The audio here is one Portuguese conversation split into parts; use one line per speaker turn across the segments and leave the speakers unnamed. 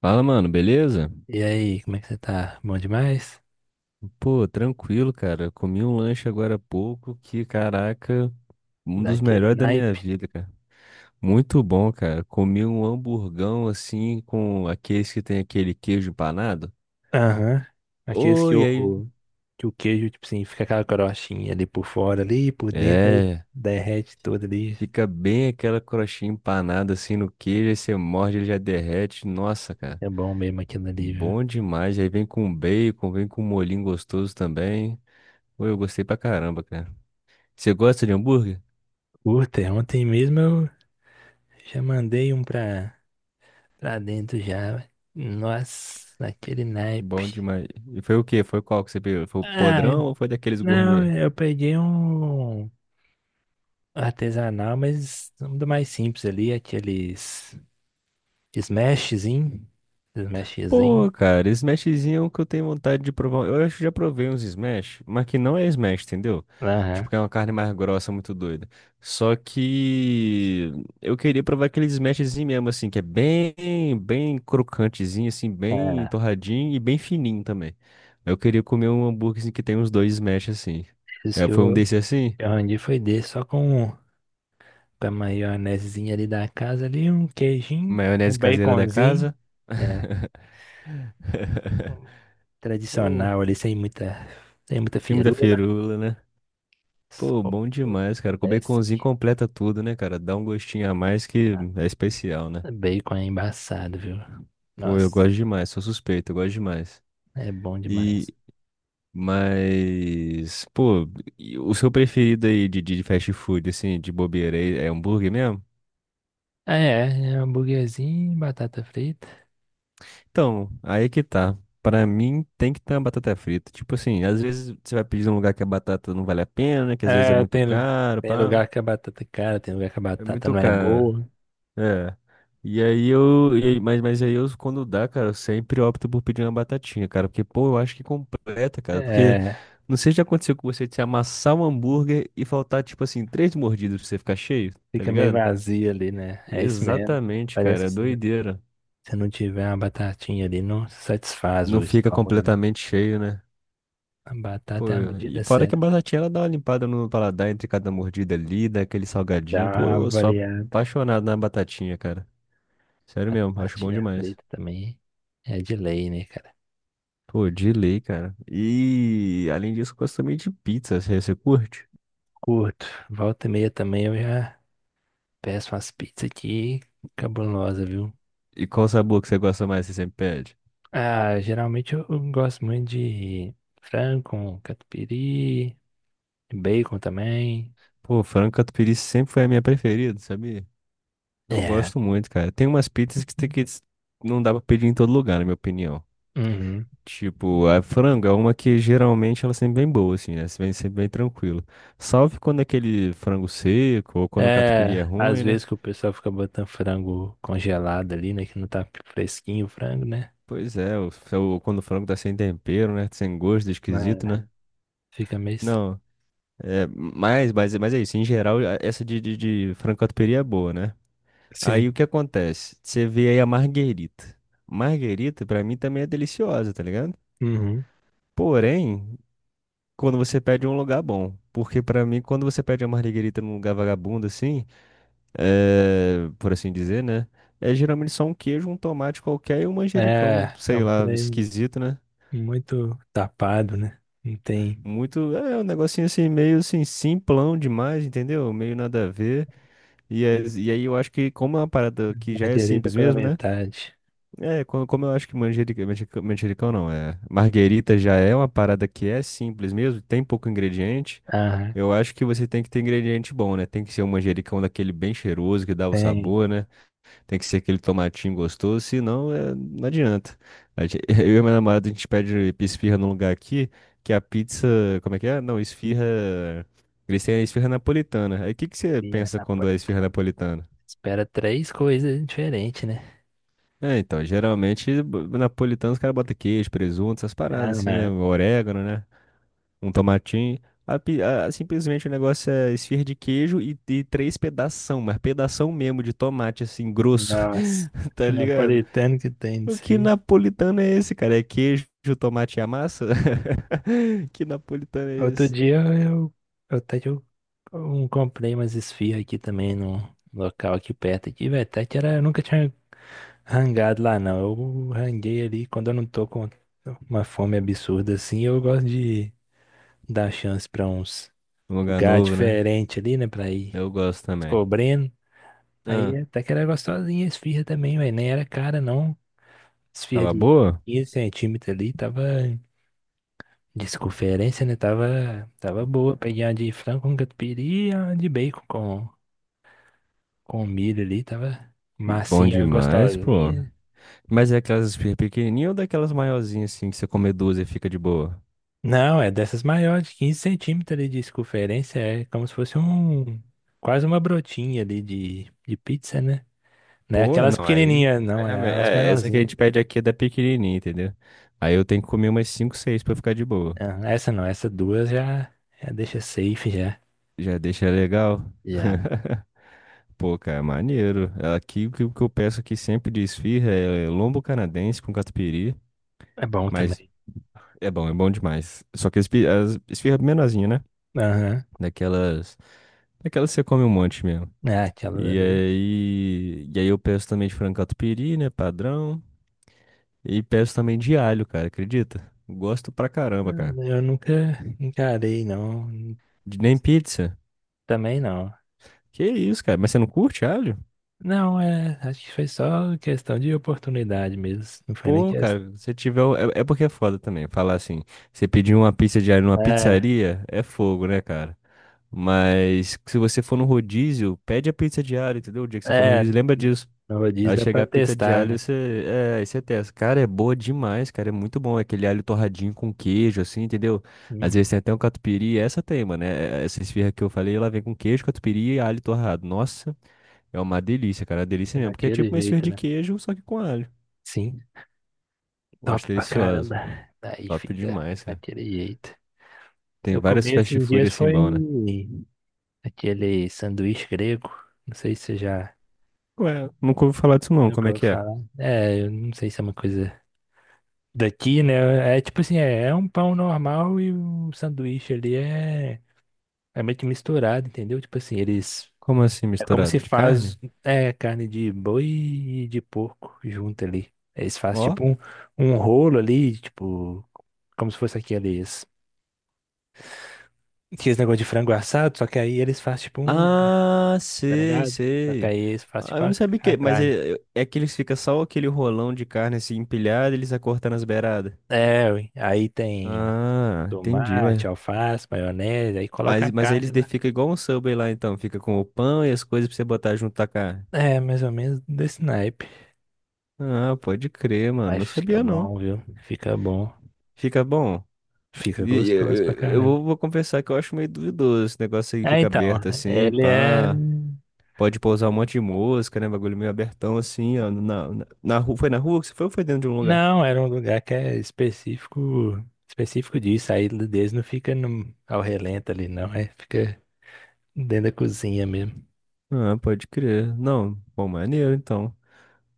Fala, mano, beleza?
E aí, como é que você tá? Bom demais?
Pô, tranquilo, cara. Eu comi um lanche agora há pouco que, caraca, um dos
Daquele
melhores da minha
naipe?
vida, cara. Muito bom, cara. Comi um hamburgão assim com aqueles que tem aquele queijo empanado.
Aham. Aqueles que
Oi, aí.
o, queijo, tipo assim, fica aquela crostinha ali por fora ali, por dentro, aí
É,
derrete tudo ali.
fica bem aquela crostinha empanada assim no queijo, aí você morde, ele já derrete. Nossa, cara.
É bom mesmo aquilo ali, viu?
Bom demais. Aí vem com bacon, vem com molhinho gostoso também. Pô, eu gostei pra caramba, cara. Você gosta de hambúrguer?
Puta, ontem mesmo eu já mandei um pra dentro já. Velho. Nossa, daquele naipe.
Bom demais. E foi o quê? Foi qual que você pegou? Foi o
Ah,
podrão ou foi daqueles
não,
gourmet?
eu peguei um artesanal, mas um do mais simples ali, aqueles smashzinho. Smashzinho.
Pô, cara, smashzinho que eu tenho vontade de provar. Eu acho que já provei uns smash, mas que não é smash, entendeu? Tipo,
Aham.
que é uma carne mais grossa, muito doida. Só que eu queria provar aquele smashzinho mesmo, assim, que é bem, bem crocantezinho, assim, bem
É.
torradinho e bem fininho também. Eu queria comer um hambúrguer assim, que tem uns dois smash, assim.
Isso
É,
que
foi um
eu,
desse assim?
arranjei foi desse, só com a maionezinha ali da casa ali, um queijinho, um
Maionese caseira da
baconzinho.
casa?
É. Um
Pô,
tradicional ali, sem muita
sem muita
firula.
firula, né? Pô,
Só
bom
o
demais, cara. Com baconzinho
leste.
completa tudo, né, cara? Dá um gostinho a mais que
Nada.
é especial, né?
Bacon é embaçado, viu?
Pô, eu
Nossa,
gosto demais, sou suspeito, eu gosto demais.
é bom
E,
demais.
mas, pô, e o seu preferido aí de fast food, assim, de bobeira, é hambúrguer mesmo?
Ah, é, é hambúrguerzinho, batata frita.
Então, aí que tá. Pra mim, tem que ter uma batata frita. Tipo assim, às vezes você vai pedir num lugar que a batata não vale a pena, que às vezes é
É,
muito
tem, lu-
caro,
tem
pá.
lugar que a batata é cara, tem lugar que a
É
batata
muito
não é
caro.
boa.
É. E aí eu. E aí- Mas, aí eu, quando dá, cara, eu sempre opto por pedir uma batatinha, cara. Porque, pô, eu acho que completa, cara. Porque
É.
não sei se já aconteceu com você de você amassar um hambúrguer e faltar, tipo assim, três mordidas pra você ficar cheio, tá
Fica meio
ligado?
vazio ali, né? É isso mesmo.
Exatamente,
Parece
cara.
que
É
se não
doideira.
se não tiver uma batatinha ali, não satisfaz
Não
o
fica
estômago, né?
completamente cheio, né?
A
Pô,
batata é a
e
medida
fora que a
certa.
batatinha ela dá uma limpada no paladar entre cada mordida ali, dá aquele
Dá
salgadinho. Pô,
uma
eu sou
variada.
apaixonado na batatinha, cara. Sério mesmo, acho bom
Batatinha
demais.
frita também é de lei, né, cara?
Pô, de lei, cara. E além disso, eu gosto também de pizza. Você, você curte?
Curto. Volta e meia também eu já peço umas pizzas aqui cabulosa, viu?
E qual sabor que você gosta mais? Você sempre pede?
Ah, geralmente eu gosto muito de frango com catupiry, bacon também.
Pô, frango catupiry sempre foi a minha preferida, sabia? Eu
É.
gosto muito, cara. Tem umas pizzas que tem que não dá pra pedir em todo lugar, na minha opinião.
Uhum.
Tipo, a frango é uma que geralmente ela é sempre bem boa, assim, né? Você vem sempre bem tranquilo. Salve quando é aquele frango seco ou quando o catupiry é
É, às
ruim, né?
vezes que o pessoal fica botando frango congelado ali, né? Que não tá fresquinho o frango, né?
Pois é, quando o frango tá sem tempero, né? Sem gosto,
É.
esquisito, né?
Fica meio estranho.
Não, é, mas é isso, em geral, essa de frango-catupiry é boa, né? Aí
Sim.
o que acontece? Você vê aí a marguerita. Marguerita, pra mim, também é deliciosa, tá ligado?
Uhum.
Porém, quando você pede em um lugar bom. Porque pra mim, quando você pede a marguerita num lugar vagabundo, assim, é, por assim dizer, né? É geralmente só um queijo, um tomate qualquer e um manjericão,
É
sei
um
lá,
trem
esquisito, né?
muito tapado, né? Não tem
Muito, é um negocinho assim, meio assim, simplão demais, entendeu? Meio nada a ver. E, e aí eu acho que como é uma parada que
a
já é
direita
simples
pela
mesmo, né?
metade.
É, eu acho que manjericão, manjericão, manjericão não, é. Marguerita já é uma parada que é simples mesmo, tem pouco ingrediente.
Ah,
Eu acho que você tem que ter ingrediente bom, né? Tem que ser um manjericão daquele bem cheiroso que dá o
tem.
sabor, né? Tem que ser aquele tomatinho gostoso, senão é, não adianta. Eu e minha namorada, a gente pede esfirra num lugar aqui, que a pizza, como é que é? Não, esfirra, eles têm a esfirra napolitana. Aí o que que você
E a
pensa quando é esfirra
napolitana.
napolitana?
Espera três coisas diferentes, né?
É, então, geralmente napolitano os caras botam queijo, presunto, essas
Ah,
paradas assim, né?
né?
Orégano, né? Um tomatinho. Simplesmente o negócio é esfirra de queijo e três pedação, mas pedação mesmo de tomate, assim, grosso,
Nossa.
tá
Que
ligado?
napolitano que tem
O
disso.
que napolitano é esse, cara? É queijo, tomate e a massa? Que napolitano é
Outro
esse?
dia eu até que eu, um- comprei umas esfirras aqui também num local aqui perto aqui, velho. Até que era, eu nunca tinha rangado lá não. Eu ranguei ali quando eu não tô com uma fome absurda assim, eu gosto de dar chance pra uns
Um lugar
lugares
novo, né?
diferentes ali, né? Pra ir
Eu gosto também.
descobrindo. Aí
Ah,
até que era gostosinha a esfirra também, velho. Nem era cara não. Esfirra
tava
de
boa?
15 centímetros ali, tava. Desconferência, né? Tava boa. Peguei uma de frango com catupiry e uma de bacon com milho ali. Tava
Bom
massinha,
demais, pô.
gostosinha.
Mas é aquelas esfirras pequenininhas ou daquelas maiorzinhas assim que você come duas e fica de boa?
Não, é dessas maiores, de 15 centímetros ali de circunferência. É como se fosse um. Quase uma brotinha ali de pizza, né? Não é
Pô,
aquelas
não,
pequenininhas, não. É as
é, essa que a
maiorzinhas.
gente pede aqui é da pequenininha, entendeu? Aí eu tenho que comer umas cinco, seis pra ficar de boa.
Ah, essa não. Essa duas já, já deixa safe, já.
Já deixa legal?
Já.
Pô, cara, maneiro. Aqui o que eu peço aqui sempre de esfirra é lombo canadense com catupiry,
É bom
mas
também.
é bom demais. Só que as esfirra menorzinha, né?
Aham.
Daquelas, daquelas que você come um monte mesmo.
É, aquela
E
ali.
aí, e aí eu peço também de frango catupiry, né, padrão. E peço também de alho, cara, acredita? Gosto pra
Ah,
caramba, cara.
eu nunca encarei, não.
De nem
Mas
pizza.
também não.
Que isso, cara? Mas você não curte alho?
Não, é. Acho que foi só questão de oportunidade mesmo. Não foi nem
Pô,
questão.
cara, se tiver. É, é porque é foda também. Falar assim, você pedir uma pizza de alho numa
É,
pizzaria é fogo, né, cara? Mas se você for no rodízio, pede a pizza de alho, entendeu? O dia que você for no
é.
rodízio, lembra disso.
No rodízio
Aí
dá
chegar
pra
a pizza de
testar,
alho,
né?
você, é, aí você testa. Cara, é boa demais, cara. É muito bom. É aquele alho torradinho com queijo, assim, entendeu? Às vezes
Hum,
tem até um catupiry. Essa tem, mano. Essa esfirra que eu falei, ela vem com queijo, catupiry e alho torrado. Nossa, é uma delícia, cara. É uma delícia
é
mesmo. Porque é
daquele
tipo uma esfirra
jeito,
de
né?
queijo, só que com alho.
Sim,
Eu acho
top pra
delicioso.
caramba. Daí
Top
fica
demais, cara.
daquele jeito.
Tem
Eu
vários
comi
fast
esses
food
dias
assim
foi
bom, né?
aquele sanduíche grego. Não sei se você já
Ué, nunca ouvi falar disso não. Como
nunca
é
ouviu
que é?
falar. É, eu não sei se é uma coisa daqui, né? É tipo assim, é um pão normal e um sanduíche ali é meio que misturado, entendeu? Tipo assim, eles.
Como assim,
É como se
misturado de
faz,
carne?
é, carne de boi e de porco junto ali. Eles fazem
Ó.
tipo um rolo ali, tipo, como se fosse aqueles negócio de frango assado, só que aí eles fazem tipo um,
Ah,
tá
sei,
ligado? Só que
sei.
aí eles fazem
Ah,
tipo
eu não
a,
sabia
a
que, mas
carne.
é, é que eles ficam só aquele rolão de carne assim empilhado, e eles acortando as beiradas.
É, ui, aí tem
Ah, entendi,
tomate, alface, maionese, aí coloca a
mas aí
carne
eles
lá.
fica igual um Subway lá então, fica com o pão e as coisas pra você botar junto a carne.
É, mais ou menos desse naipe.
Ah, pode crer, mano,
Mas
não
fica
sabia não.
bom, viu? Fica bom.
Fica bom.
Fica
Eu,
gostoso pra
eu
caramba.
vou, vou confessar que eu acho meio duvidoso esse negócio aí que
É,
fica
então,
aberto assim,
ele é.
pá. Pode pousar um monte de mosca, né? Bagulho meio abertão assim, ó. Na rua, foi na rua que você foi ou foi dentro de um lugar?
Não, era um lugar que é específico, específico disso. Aí deles não fica ao relento ali, não. É, fica dentro da cozinha mesmo.
Ah, pode crer. Não, bom, maneiro então.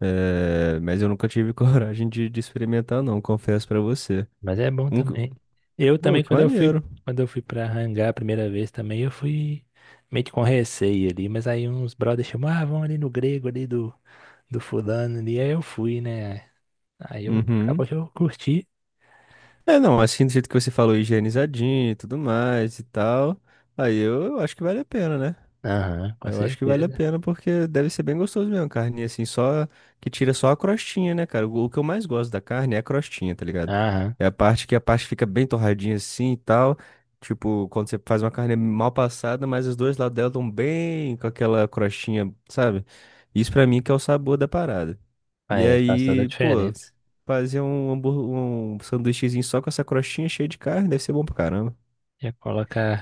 É, mas eu nunca tive coragem de experimentar, não, confesso pra você.
Mas é bom
Um,
também. Eu
pô,
também,
que
quando eu fui,
maneiro.
pra Hangar a primeira vez também, eu fui meio que com receio ali, mas aí uns brothers chamavam, ah, vamos ali no grego ali do fulano ali. Aí eu fui, né? Aí eu
Uhum.
acabou que eu curti.
É, não, assim, do jeito que você falou, higienizadinho e tudo mais e tal. Aí eu acho que vale a pena, né?
Aham, com
Mas eu acho que vale a
certeza.
pena porque deve ser bem gostoso mesmo, carne assim, só que tira só a crostinha, né, cara? O que eu mais gosto da carne é a crostinha, tá ligado?
Aham,
É a parte que a parte fica bem torradinha assim e tal. Tipo, quando você faz uma carne mal passada, mas os dois lados dela estão bem com aquela crostinha, sabe? Isso pra mim que é o sabor da parada.
ah,
E
é, faz toda a
aí, pô,
diferença.
fazer um, hambúrguer, um sanduíchezinho só com essa crostinha cheia de carne deve ser bom pra caramba.
Já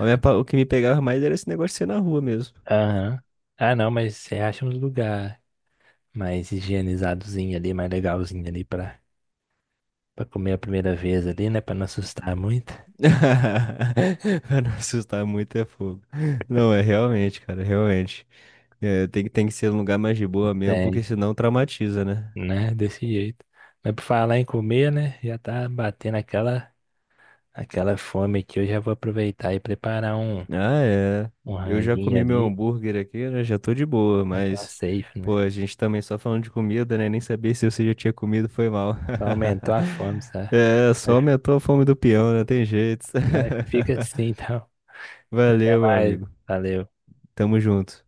O que me pegava mais era esse negócio de ser na rua mesmo.
Aham. Ah, não, mas você acha um lugar mais higienizadozinho ali, mais legalzinho ali pra comer a primeira vez ali, né? Pra não assustar muito.
Pra não assustar muito é fogo. Não, é realmente, cara, realmente. É, tem, tem que ser um lugar mais de boa mesmo, porque
Tem,
senão traumatiza, né?
né? Desse jeito. Mas por falar em comer, né? Já tá batendo aquela fome aqui. Eu já vou aproveitar e preparar um,
Ah, é.
um
Eu já
ranguinho
comi meu
ali.
hambúrguer aqui, né? Já tô de boa,
Já tá
mas,
safe,
pô,
né?
a gente também só falando de comida, né? Nem sabia se você já tinha comido, foi mal.
Só aumentou a fome, sabe?
É, só
Mas
aumentou a fome do peão, não tem jeito.
mas fica assim, então. Até
Valeu, meu
mais.
amigo.
Valeu.
Tamo junto.